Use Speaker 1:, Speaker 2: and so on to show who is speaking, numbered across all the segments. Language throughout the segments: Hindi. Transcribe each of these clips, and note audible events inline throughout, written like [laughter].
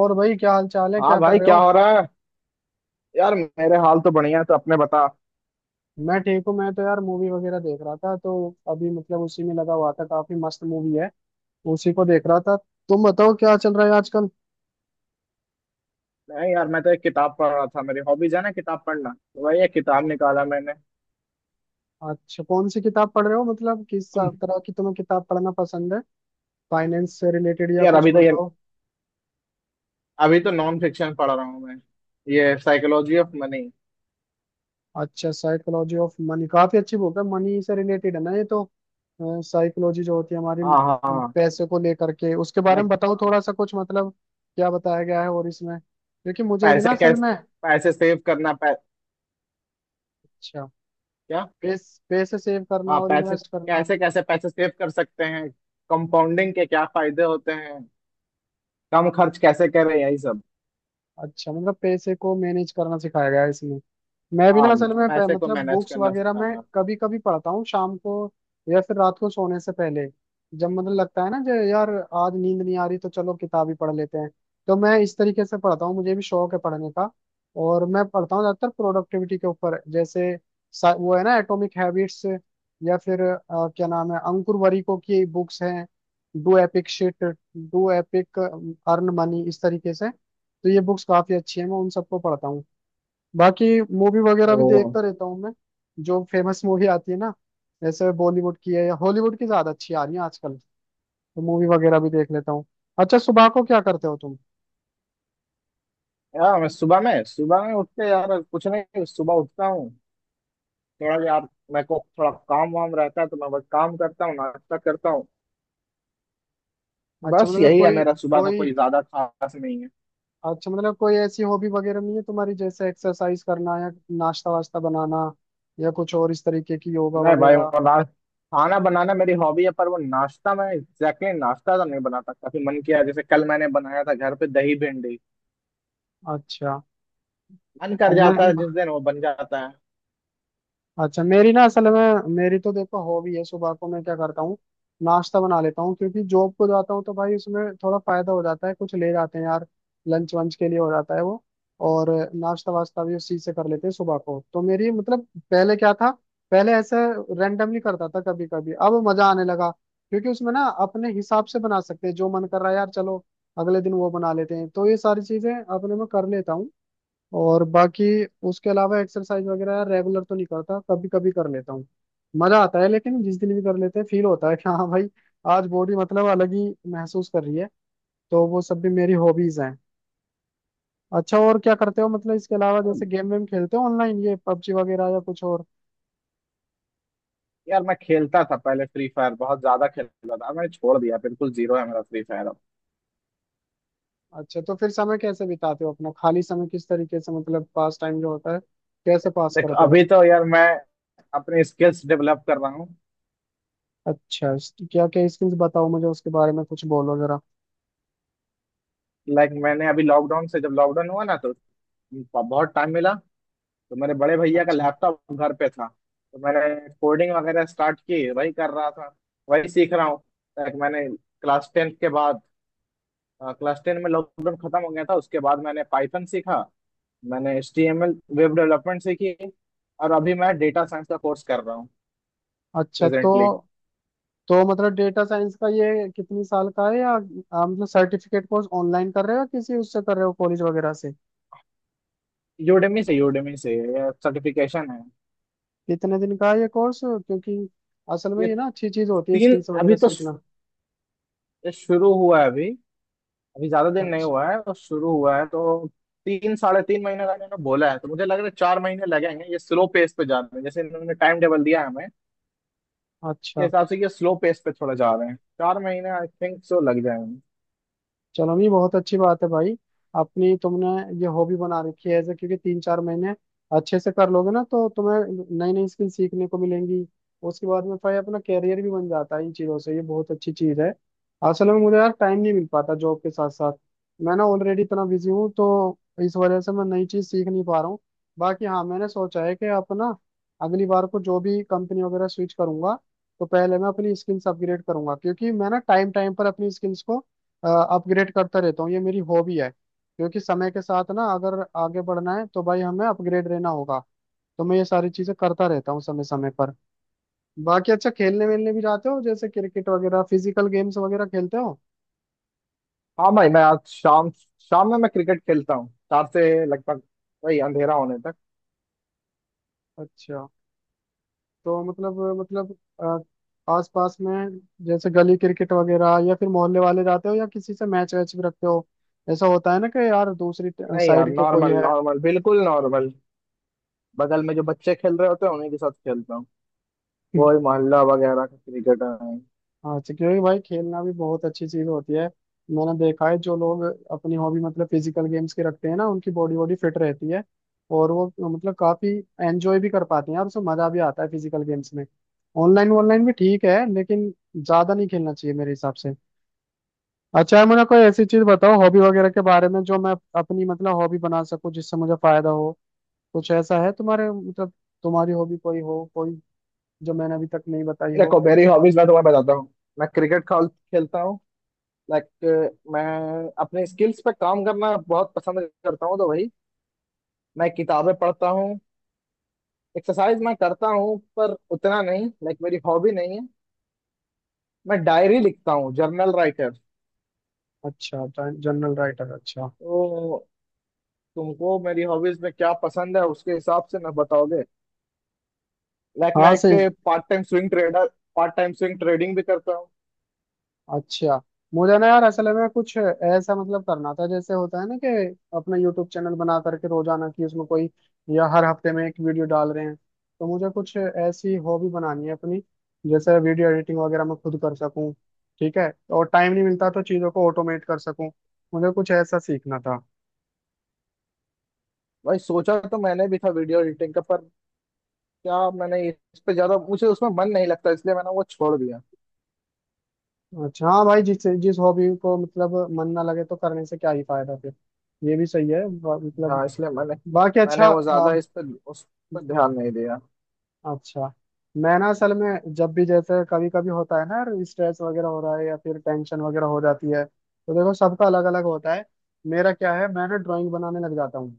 Speaker 1: और भाई क्या हाल चाल है,
Speaker 2: हाँ
Speaker 1: क्या कर
Speaker 2: भाई,
Speaker 1: रहे
Speaker 2: क्या
Speaker 1: हो?
Speaker 2: हो रहा है? यार, मेरे हाल तो बढ़िया है, तो अपने बता।
Speaker 1: मैं ठीक हूँ। मैं तो यार मूवी वगैरह देख रहा था, तो अभी मतलब उसी में लगा हुआ था। काफी मस्त मूवी है, उसी को देख रहा था। तुम बताओ क्या चल रहा है आजकल?
Speaker 2: नहीं यार, मैं तो एक किताब पढ़ रहा था। मेरी हॉबीज है ना किताब पढ़ना, तो वही एक किताब निकाला मैंने।
Speaker 1: अच्छा, कौन सी किताब पढ़ रहे हो, मतलब किस
Speaker 2: अम,
Speaker 1: तरह की तुम्हें किताब पढ़ना पसंद है? फाइनेंस से रिलेटेड या
Speaker 2: यार,
Speaker 1: कुछ, बताओ।
Speaker 2: अभी तो नॉन फिक्शन पढ़ रहा हूँ मैं। ये साइकोलॉजी ऑफ मनी।
Speaker 1: अच्छा, साइकोलॉजी ऑफ मनी काफी अच्छी बुक है। मनी से रिलेटेड है ना ये तो। साइकोलॉजी जो होती है हमारी
Speaker 2: हाँ, हाँ, हाँ।
Speaker 1: पैसे को लेकर के, उसके बारे में
Speaker 2: लाइक,
Speaker 1: बताओ थोड़ा सा कुछ, मतलब क्या बताया गया है और इसमें। क्योंकि मुझे भी ना
Speaker 2: पैसे
Speaker 1: असल
Speaker 2: कैसे
Speaker 1: में।
Speaker 2: पैसे सेव करना पै,
Speaker 1: अच्छा।
Speaker 2: क्या।
Speaker 1: पैसे सेव करना
Speaker 2: हाँ,
Speaker 1: और
Speaker 2: पैसे
Speaker 1: इन्वेस्ट करना।
Speaker 2: कैसे कैसे पैसे सेव कर सकते हैं, कंपाउंडिंग के क्या फायदे होते हैं, कम खर्च कैसे करें, यही सब।
Speaker 1: अच्छा, मतलब पैसे को मैनेज करना सिखाया गया है इसमें। मैं भी
Speaker 2: हाँ,
Speaker 1: ना असल में
Speaker 2: पैसे को
Speaker 1: मतलब
Speaker 2: मैनेज
Speaker 1: बुक्स
Speaker 2: करना
Speaker 1: वगैरह मैं
Speaker 2: सिखाना।
Speaker 1: कभी कभी पढ़ता हूँ शाम को, या फिर रात को सोने से पहले। जब मतलब लगता है ना, जो यार आज नींद नहीं आ रही, तो चलो किताब ही पढ़ लेते हैं। तो मैं इस तरीके से पढ़ता हूँ, मुझे भी शौक है पढ़ने का। और मैं पढ़ता हूँ ज्यादातर प्रोडक्टिविटी के ऊपर, जैसे वो है ना एटॉमिक हैबिट्स, या फिर क्या नाम है, अंकुर वरीको की बुक्स हैं। Do epic shit, do epic, earn money, इस तरीके से। तो ये बुक्स काफी अच्छी हैं, मैं उन सबको पढ़ता हूँ। बाकी मूवी वगैरह भी
Speaker 2: ओ।
Speaker 1: देखता रहता हूँ मैं। जो फेमस मूवी आती है ना, जैसे बॉलीवुड की है या हॉलीवुड की ज्यादा अच्छी आ रही है आजकल, तो मूवी वगैरह भी देख लेता हूँ। अच्छा, सुबह को क्या करते हो तुम?
Speaker 2: यार, मैं सुबह में उठते यार कुछ नहीं, सुबह उठता हूँ। थोड़ा यार मेरे को थोड़ा काम वाम रहता है, तो मैं बस काम करता हूँ, नाश्ता करता हूँ।
Speaker 1: अच्छा
Speaker 2: बस
Speaker 1: मतलब
Speaker 2: यही है
Speaker 1: कोई
Speaker 2: मेरा सुबह का,
Speaker 1: कोई
Speaker 2: कोई ज्यादा खास नहीं है।
Speaker 1: अच्छा, मतलब कोई ऐसी हॉबी वगैरह नहीं है तुम्हारी, जैसे एक्सरसाइज करना, या नाश्ता वास्ता बनाना, या कुछ और इस तरीके की, योगा
Speaker 2: नहीं भाई,
Speaker 1: वगैरह?
Speaker 2: वो ना, खाना बनाना मेरी हॉबी है, पर वो नाश्ता मैं एग्जैक्टली exactly नाश्ता तो नहीं बना सकता। फिर मन किया, जैसे कल मैंने बनाया था घर पे दही भिंडी।
Speaker 1: अच्छा।
Speaker 2: मन कर
Speaker 1: और मैं
Speaker 2: जाता है जिस दिन वो बन जाता है।
Speaker 1: अच्छा, मेरी ना असल में, मेरी तो देखो हॉबी है। सुबह को मैं क्या करता हूँ, नाश्ता बना लेता हूँ, क्योंकि जॉब को जाता हूँ तो भाई उसमें थोड़ा फायदा हो जाता है। कुछ ले जाते हैं यार लंच वंच के लिए, हो जाता है वो। और नाश्ता वास्ता भी उस चीज से कर लेते हैं सुबह को। तो मेरी मतलब पहले क्या था, पहले ऐसे रेंडमली करता था कभी कभी, अब मजा आने लगा। क्योंकि उसमें ना अपने हिसाब से बना सकते हैं, जो मन कर रहा है यार चलो अगले दिन वो बना लेते हैं। तो ये सारी चीजें अपने में कर लेता हूँ। और बाकी उसके अलावा एक्सरसाइज वगैरह यार रेगुलर तो नहीं करता, कभी कभी कर लेता हूँ, मजा आता है। लेकिन जिस दिन भी कर लेते हैं फील होता है कि हाँ भाई आज बॉडी मतलब अलग ही महसूस कर रही है। तो वो सब भी मेरी हॉबीज हैं। अच्छा और क्या करते हो मतलब इसके अलावा,
Speaker 2: और
Speaker 1: जैसे गेम वेम खेलते हो ऑनलाइन, ये पबजी वगैरह या कुछ और?
Speaker 2: यार, मैं खेलता था पहले फ्री फायर, बहुत ज्यादा खेलता था। अब मैंने छोड़ दिया, बिल्कुल जीरो है मेरा फ्री फायर अब।
Speaker 1: अच्छा, तो फिर समय कैसे बिताते हो अपना, खाली समय किस तरीके से, मतलब पास टाइम जो होता है कैसे पास
Speaker 2: देख,
Speaker 1: करते हो?
Speaker 2: अभी तो यार मैं अपने स्किल्स डेवलप कर रहा हूँ।
Speaker 1: अच्छा। क्या क्या स्किल्स बताओ मुझे, उसके बारे में कुछ बोलो जरा।
Speaker 2: लाइक, मैंने अभी लॉकडाउन से, जब लॉकडाउन हुआ ना, तो बहुत टाइम मिला। तो मेरे बड़े भैया का
Speaker 1: अच्छा।
Speaker 2: लैपटॉप घर पे था, तो मैंने कोडिंग वगैरह स्टार्ट की, वही कर रहा था, वही सीख रहा हूँ। लाइक, मैंने क्लास टेंथ के बाद क्लास टेन में लॉकडाउन खत्म हो गया था। उसके बाद मैंने पाइथन सीखा। मैंने H T M L, web development सीखी। और अभी मैं डेटा साइंस का कोर्स कर रहा हूँ
Speaker 1: अच्छा। तो
Speaker 2: प्रेजेंटली।
Speaker 1: तो मतलब डेटा साइंस का ये कितनी साल का है, या आप मतलब सर्टिफिकेट कोर्स ऑनलाइन कर रहे हो या किसी उससे कर रहे हो कॉलेज वगैरह से?
Speaker 2: यूडेमी से ये सर्टिफिकेशन है।
Speaker 1: कितने दिन का है ये कोर्स, क्योंकि असल में
Speaker 2: ये
Speaker 1: ये ना अच्छी चीज होती है
Speaker 2: तीन
Speaker 1: स्किल्स वगैरह सीखना।
Speaker 2: शुरू हुआ है अभी, अभी ज्यादा दिन नहीं
Speaker 1: अच्छा।
Speaker 2: हुआ है तो, शुरू हुआ है तो। तीन, साढ़े तीन महीने का इन्होंने बोला है, तो मुझे लग रहा है चार महीने लगेंगे। ये स्लो पेस पे जा रहे हैं, जैसे इन्होंने टाइम टेबल दिया है हमें, के
Speaker 1: अच्छा,
Speaker 2: हिसाब से ये स्लो पेस पे थोड़ा जा रहे हैं। चार महीने आई थिंक सो लग जाएंगे।
Speaker 1: चलो नहीं, बहुत अच्छी बात है भाई। अपनी तुमने ये हॉबी बना रखी है ऐसे, क्योंकि 3-4 महीने अच्छे से कर लोगे ना, तो तुम्हें नई नई स्किल सीखने को मिलेंगी। उसके बाद में फिर अपना कैरियर भी बन जाता है इन चीज़ों से, ये बहुत अच्छी चीज़ है। असल में मुझे यार टाइम नहीं मिल पाता जॉब के साथ साथ। मैं ना ऑलरेडी इतना बिजी हूँ, तो इस वजह से मैं नई चीज़ सीख नहीं पा रहा हूँ। बाकी हाँ, मैंने सोचा है कि अपना अगली बार को जो भी कंपनी वगैरह स्विच करूंगा, तो पहले मैं अपनी स्किल्स अपग्रेड करूंगा। क्योंकि मैं ना टाइम टाइम पर अपनी स्किल्स को अपग्रेड करता रहता हूँ, ये मेरी हॉबी है। क्योंकि समय के साथ ना अगर आगे बढ़ना है तो भाई हमें अपग्रेड रहना होगा। तो मैं ये सारी चीजें करता रहता हूँ समय समय पर। बाकी अच्छा, खेलने वेलने भी जाते हो, जैसे क्रिकेट वगैरह, फिजिकल गेम्स वगैरह खेलते हो?
Speaker 2: हाँ भाई, मैं आज शाम शाम में मैं क्रिकेट खेलता हूँ, चार से लगभग वही अंधेरा होने तक।
Speaker 1: अच्छा, तो मतलब आसपास में, जैसे गली क्रिकेट वगैरह, या फिर मोहल्ले वाले जाते हो, या किसी से मैच वैच भी रखते हो? ऐसा होता है ना कि यार दूसरी
Speaker 2: नहीं यार,
Speaker 1: साइड के कोई
Speaker 2: नॉर्मल,
Speaker 1: है।
Speaker 2: नॉर्मल, बिल्कुल नॉर्मल। बगल में जो बच्चे खेल रहे होते हैं, उन्हीं के साथ खेलता हूँ। वही
Speaker 1: [laughs]
Speaker 2: मोहल्ला वगैरह का क्रिकेट है।
Speaker 1: हाँ, तो क्योंकि भाई खेलना भी बहुत अच्छी चीज होती है। मैंने देखा है जो लोग अपनी हॉबी मतलब फिजिकल गेम्स की रखते हैं ना, उनकी बॉडी बॉडी फिट रहती है। और वो मतलब काफी एंजॉय भी कर पाते हैं, और उसमें मजा भी आता है फिजिकल गेम्स में। ऑनलाइन ऑनलाइन भी ठीक है लेकिन ज्यादा नहीं खेलना चाहिए मेरे हिसाब से। अच्छा है, मुझे कोई ऐसी चीज बताओ हॉबी वगैरह के बारे में जो मैं अपनी मतलब हॉबी बना सकूं, जिससे मुझे फायदा हो। कुछ ऐसा है तुम्हारे मतलब, तुम्हारी हॉबी कोई हो, कोई जो मैंने अभी तक नहीं बताई हो?
Speaker 2: देखो, मेरी हॉबीज मैं तुम्हें बताता हूँ। मैं क्रिकेट खेलता हूँ। लाइक, मैं अपने स्किल्स पे काम करना बहुत पसंद करता हूँ, तो भाई मैं किताबें पढ़ता हूँ। एक्सरसाइज मैं करता हूँ पर उतना नहीं, लाइक मेरी हॉबी नहीं है। मैं डायरी लिखता हूँ, जर्नल राइटर।
Speaker 1: अच्छा। जनरल राइटर, अच्छा।
Speaker 2: तो तुमको मेरी हॉबीज में क्या पसंद है, उसके हिसाब से ना बताओगे? लाइक, मैं
Speaker 1: हाँ, से।
Speaker 2: एक पार्ट टाइम स्विंग ट्रेडिंग भी करता हूँ।
Speaker 1: अच्छा, मुझे ना यार असल में कुछ ऐसा मतलब करना था, जैसे होता है ना कि अपना यूट्यूब चैनल बना करके रोजाना की उसमें कोई, या हर हफ्ते में एक वीडियो डाल रहे हैं। तो मुझे कुछ ऐसी हॉबी बनानी है अपनी, जैसे वीडियो एडिटिंग वगैरह मैं खुद कर सकूं। ठीक है, और टाइम नहीं मिलता तो चीज़ों को ऑटोमेट कर सकूं। मुझे कुछ ऐसा सीखना था।
Speaker 2: भाई, सोचा तो मैंने भी था वीडियो एडिटिंग का, पर क्या, मैंने इस पे ज्यादा, मुझे उसमें मन नहीं लगता, इसलिए मैंने वो छोड़ दिया।
Speaker 1: अच्छा, हाँ भाई जिस जिस हॉबी को मतलब मन ना लगे तो करने से क्या ही फायदा फिर। ये भी सही है, मतलब।
Speaker 2: हाँ, इसलिए मैंने
Speaker 1: बाकी,
Speaker 2: मैंने
Speaker 1: अच्छा।
Speaker 2: वो ज्यादा इस पर उस पर ध्यान नहीं दिया।
Speaker 1: अच्छा, मैं ना असल में जब भी, जैसे कभी कभी होता है ना यार, स्ट्रेस वगैरह हो रहा है या फिर टेंशन वगैरह हो जाती है, तो देखो सबका अलग अलग होता है। मेरा क्या है, मैं ना ड्राइंग बनाने लग जाता हूँ।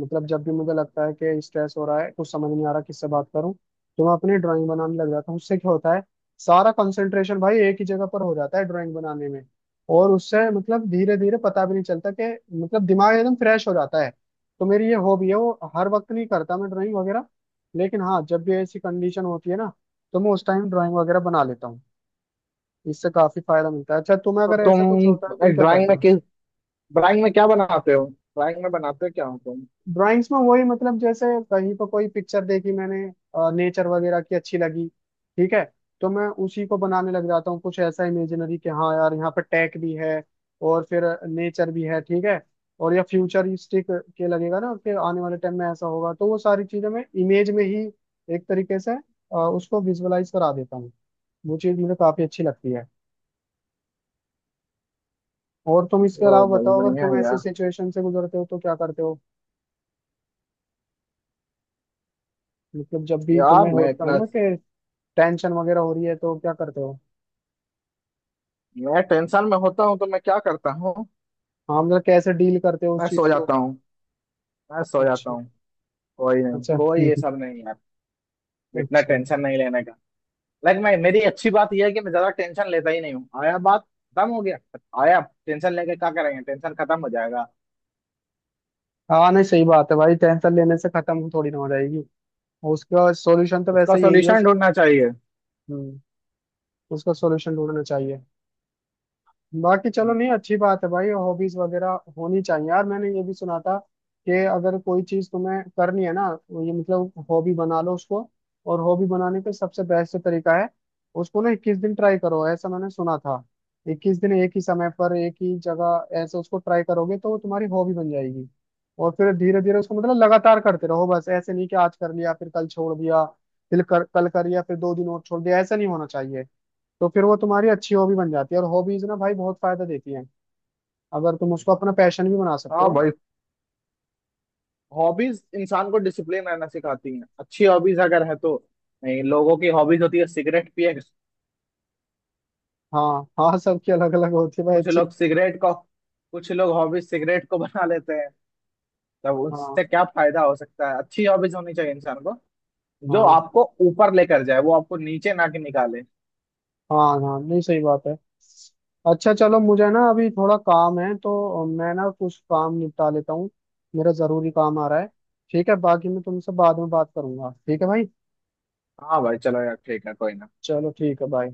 Speaker 1: मतलब जब भी मुझे लगता है कि स्ट्रेस हो रहा है, कुछ समझ नहीं आ रहा, किससे बात करूं, तो मैं अपनी ड्राइंग बनाने लग जाता हूँ। उससे क्या होता है, सारा कंसंट्रेशन भाई एक ही जगह पर हो जाता है ड्राइंग बनाने में। और उससे मतलब धीरे धीरे पता भी नहीं चलता कि मतलब दिमाग एकदम फ्रेश हो जाता है। तो मेरी ये हॉबी है, वो हर वक्त नहीं करता मैं ड्राइंग वगैरह। लेकिन हाँ, जब भी ऐसी कंडीशन होती है ना तो मैं उस टाइम ड्राइंग वगैरह बना लेता हूँ, इससे काफी फायदा मिलता है। अच्छा, तुम्हें
Speaker 2: तो
Speaker 1: अगर ऐसा कुछ होता है
Speaker 2: तुम
Speaker 1: तुम क्या करते हो?
Speaker 2: ड्राइंग में क्या बनाते हो, ड्राइंग में बनाते क्या हो तुम?
Speaker 1: ड्राइंग्स में वही मतलब, जैसे कहीं पर कोई पिक्चर देखी मैंने, नेचर वगैरह की, अच्छी लगी, ठीक है, तो मैं उसी को बनाने लग जाता हूँ। कुछ ऐसा इमेजिनरी कि हाँ यार यहाँ पर टेक भी है, और फिर नेचर भी है, ठीक है। और या फ्यूचरिस्टिक के लगेगा ना कि आने वाले टाइम में ऐसा होगा, तो वो सारी चीजें मैं इमेज में ही एक तरीके से उसको विजुअलाइज करा देता हूँ। वो चीज मुझे काफी अच्छी लगती है। और तुम इसके
Speaker 2: ओ
Speaker 1: अलावा
Speaker 2: भाई,
Speaker 1: बताओ, अगर
Speaker 2: बढ़िया
Speaker 1: तुम
Speaker 2: है
Speaker 1: ऐसी
Speaker 2: यार।
Speaker 1: सिचुएशन से गुजरते हो तो क्या करते हो? मतलब जब भी
Speaker 2: यार
Speaker 1: तुम्हें
Speaker 2: मैं
Speaker 1: होता है
Speaker 2: इतना
Speaker 1: ना कि टेंशन वगैरह हो रही है, तो क्या करते हो?
Speaker 2: मैं टेंशन में होता हूँ तो मैं क्या करता हूँ?
Speaker 1: हाँ मतलब कैसे डील करते हो उस
Speaker 2: मैं
Speaker 1: चीज
Speaker 2: सो
Speaker 1: को?
Speaker 2: जाता हूँ, मैं सो जाता
Speaker 1: अच्छा।
Speaker 2: हूँ। कोई नहीं,
Speaker 1: अच्छा।
Speaker 2: कोई ये
Speaker 1: हम्म।
Speaker 2: सब नहीं यार। इतना
Speaker 1: अच्छा।
Speaker 2: टेंशन नहीं लेने का। लेकिन मैं मेरी अच्छी बात यह है कि मैं ज्यादा टेंशन लेता ही नहीं हूँ, आया बात। खत्म हो गया, आया। टेंशन लेके क्या करेंगे, टेंशन खत्म हो जाएगा।
Speaker 1: हाँ, नहीं सही बात है भाई, टेंशन लेने से खत्म थोड़ी ना हो जाएगी। उसका सॉल्यूशन तो
Speaker 2: उसका
Speaker 1: वैसे यही है
Speaker 2: सोल्यूशन ढूंढना चाहिए।
Speaker 1: हम्म, उसका सॉल्यूशन ढूंढना चाहिए। बाकी चलो
Speaker 2: हम्म।
Speaker 1: नहीं, अच्छी बात है भाई, हॉबीज वगैरह होनी चाहिए यार। मैंने ये भी सुना था कि अगर कोई चीज तुम्हें करनी है ना, वो ये मतलब हॉबी बना लो उसको। और हॉबी बनाने का सबसे बेस्ट तरीका है उसको ना 21 दिन ट्राई करो, ऐसा मैंने सुना था। 21 दिन एक ही समय पर एक ही जगह ऐसे उसको ट्राई करोगे तो वो तुम्हारी हॉबी बन जाएगी। और फिर धीरे धीरे उसको मतलब लगातार करते रहो, बस ऐसे नहीं कि आज कर लिया फिर कल छोड़ दिया, फिर कल कर लिया फिर 2 दिन और छोड़ दिया, ऐसा नहीं होना चाहिए। तो फिर वो तुम्हारी अच्छी हॉबी बन जाती है, और हॉबीज ना भाई बहुत फायदा देती हैं, अगर तुम उसको अपना पैशन भी बना सकते
Speaker 2: हाँ
Speaker 1: हो।
Speaker 2: भाई, हॉबीज इंसान को डिसिप्लिन रहना सिखाती हैं, अच्छी हॉबीज अगर है तो। नहीं, लोगों की हॉबीज होती है, सिगरेट पिएगा।
Speaker 1: हाँ, हाँ, सबकी अलग अलग होती है भाई,
Speaker 2: कुछ
Speaker 1: अच्छी।
Speaker 2: लोग सिगरेट को कुछ लोग हॉबीज सिगरेट को बना लेते हैं। तब
Speaker 1: हाँ,
Speaker 2: उससे क्या फायदा हो सकता है। अच्छी हॉबीज होनी चाहिए इंसान को, जो
Speaker 1: हाँ।
Speaker 2: आपको ऊपर लेकर जाए, वो आपको नीचे ना के निकाले।
Speaker 1: हाँ, हाँ, नहीं सही बात है। अच्छा चलो, मुझे ना अभी थोड़ा काम है तो मैं ना कुछ काम निपटा लेता हूँ। मेरा जरूरी काम आ रहा है। ठीक है, बाकी मैं तुमसे बाद में बात करूंगा, ठीक है भाई।
Speaker 2: हाँ भाई, चलो यार, ठीक है, कोई ना।
Speaker 1: चलो ठीक है, बाय।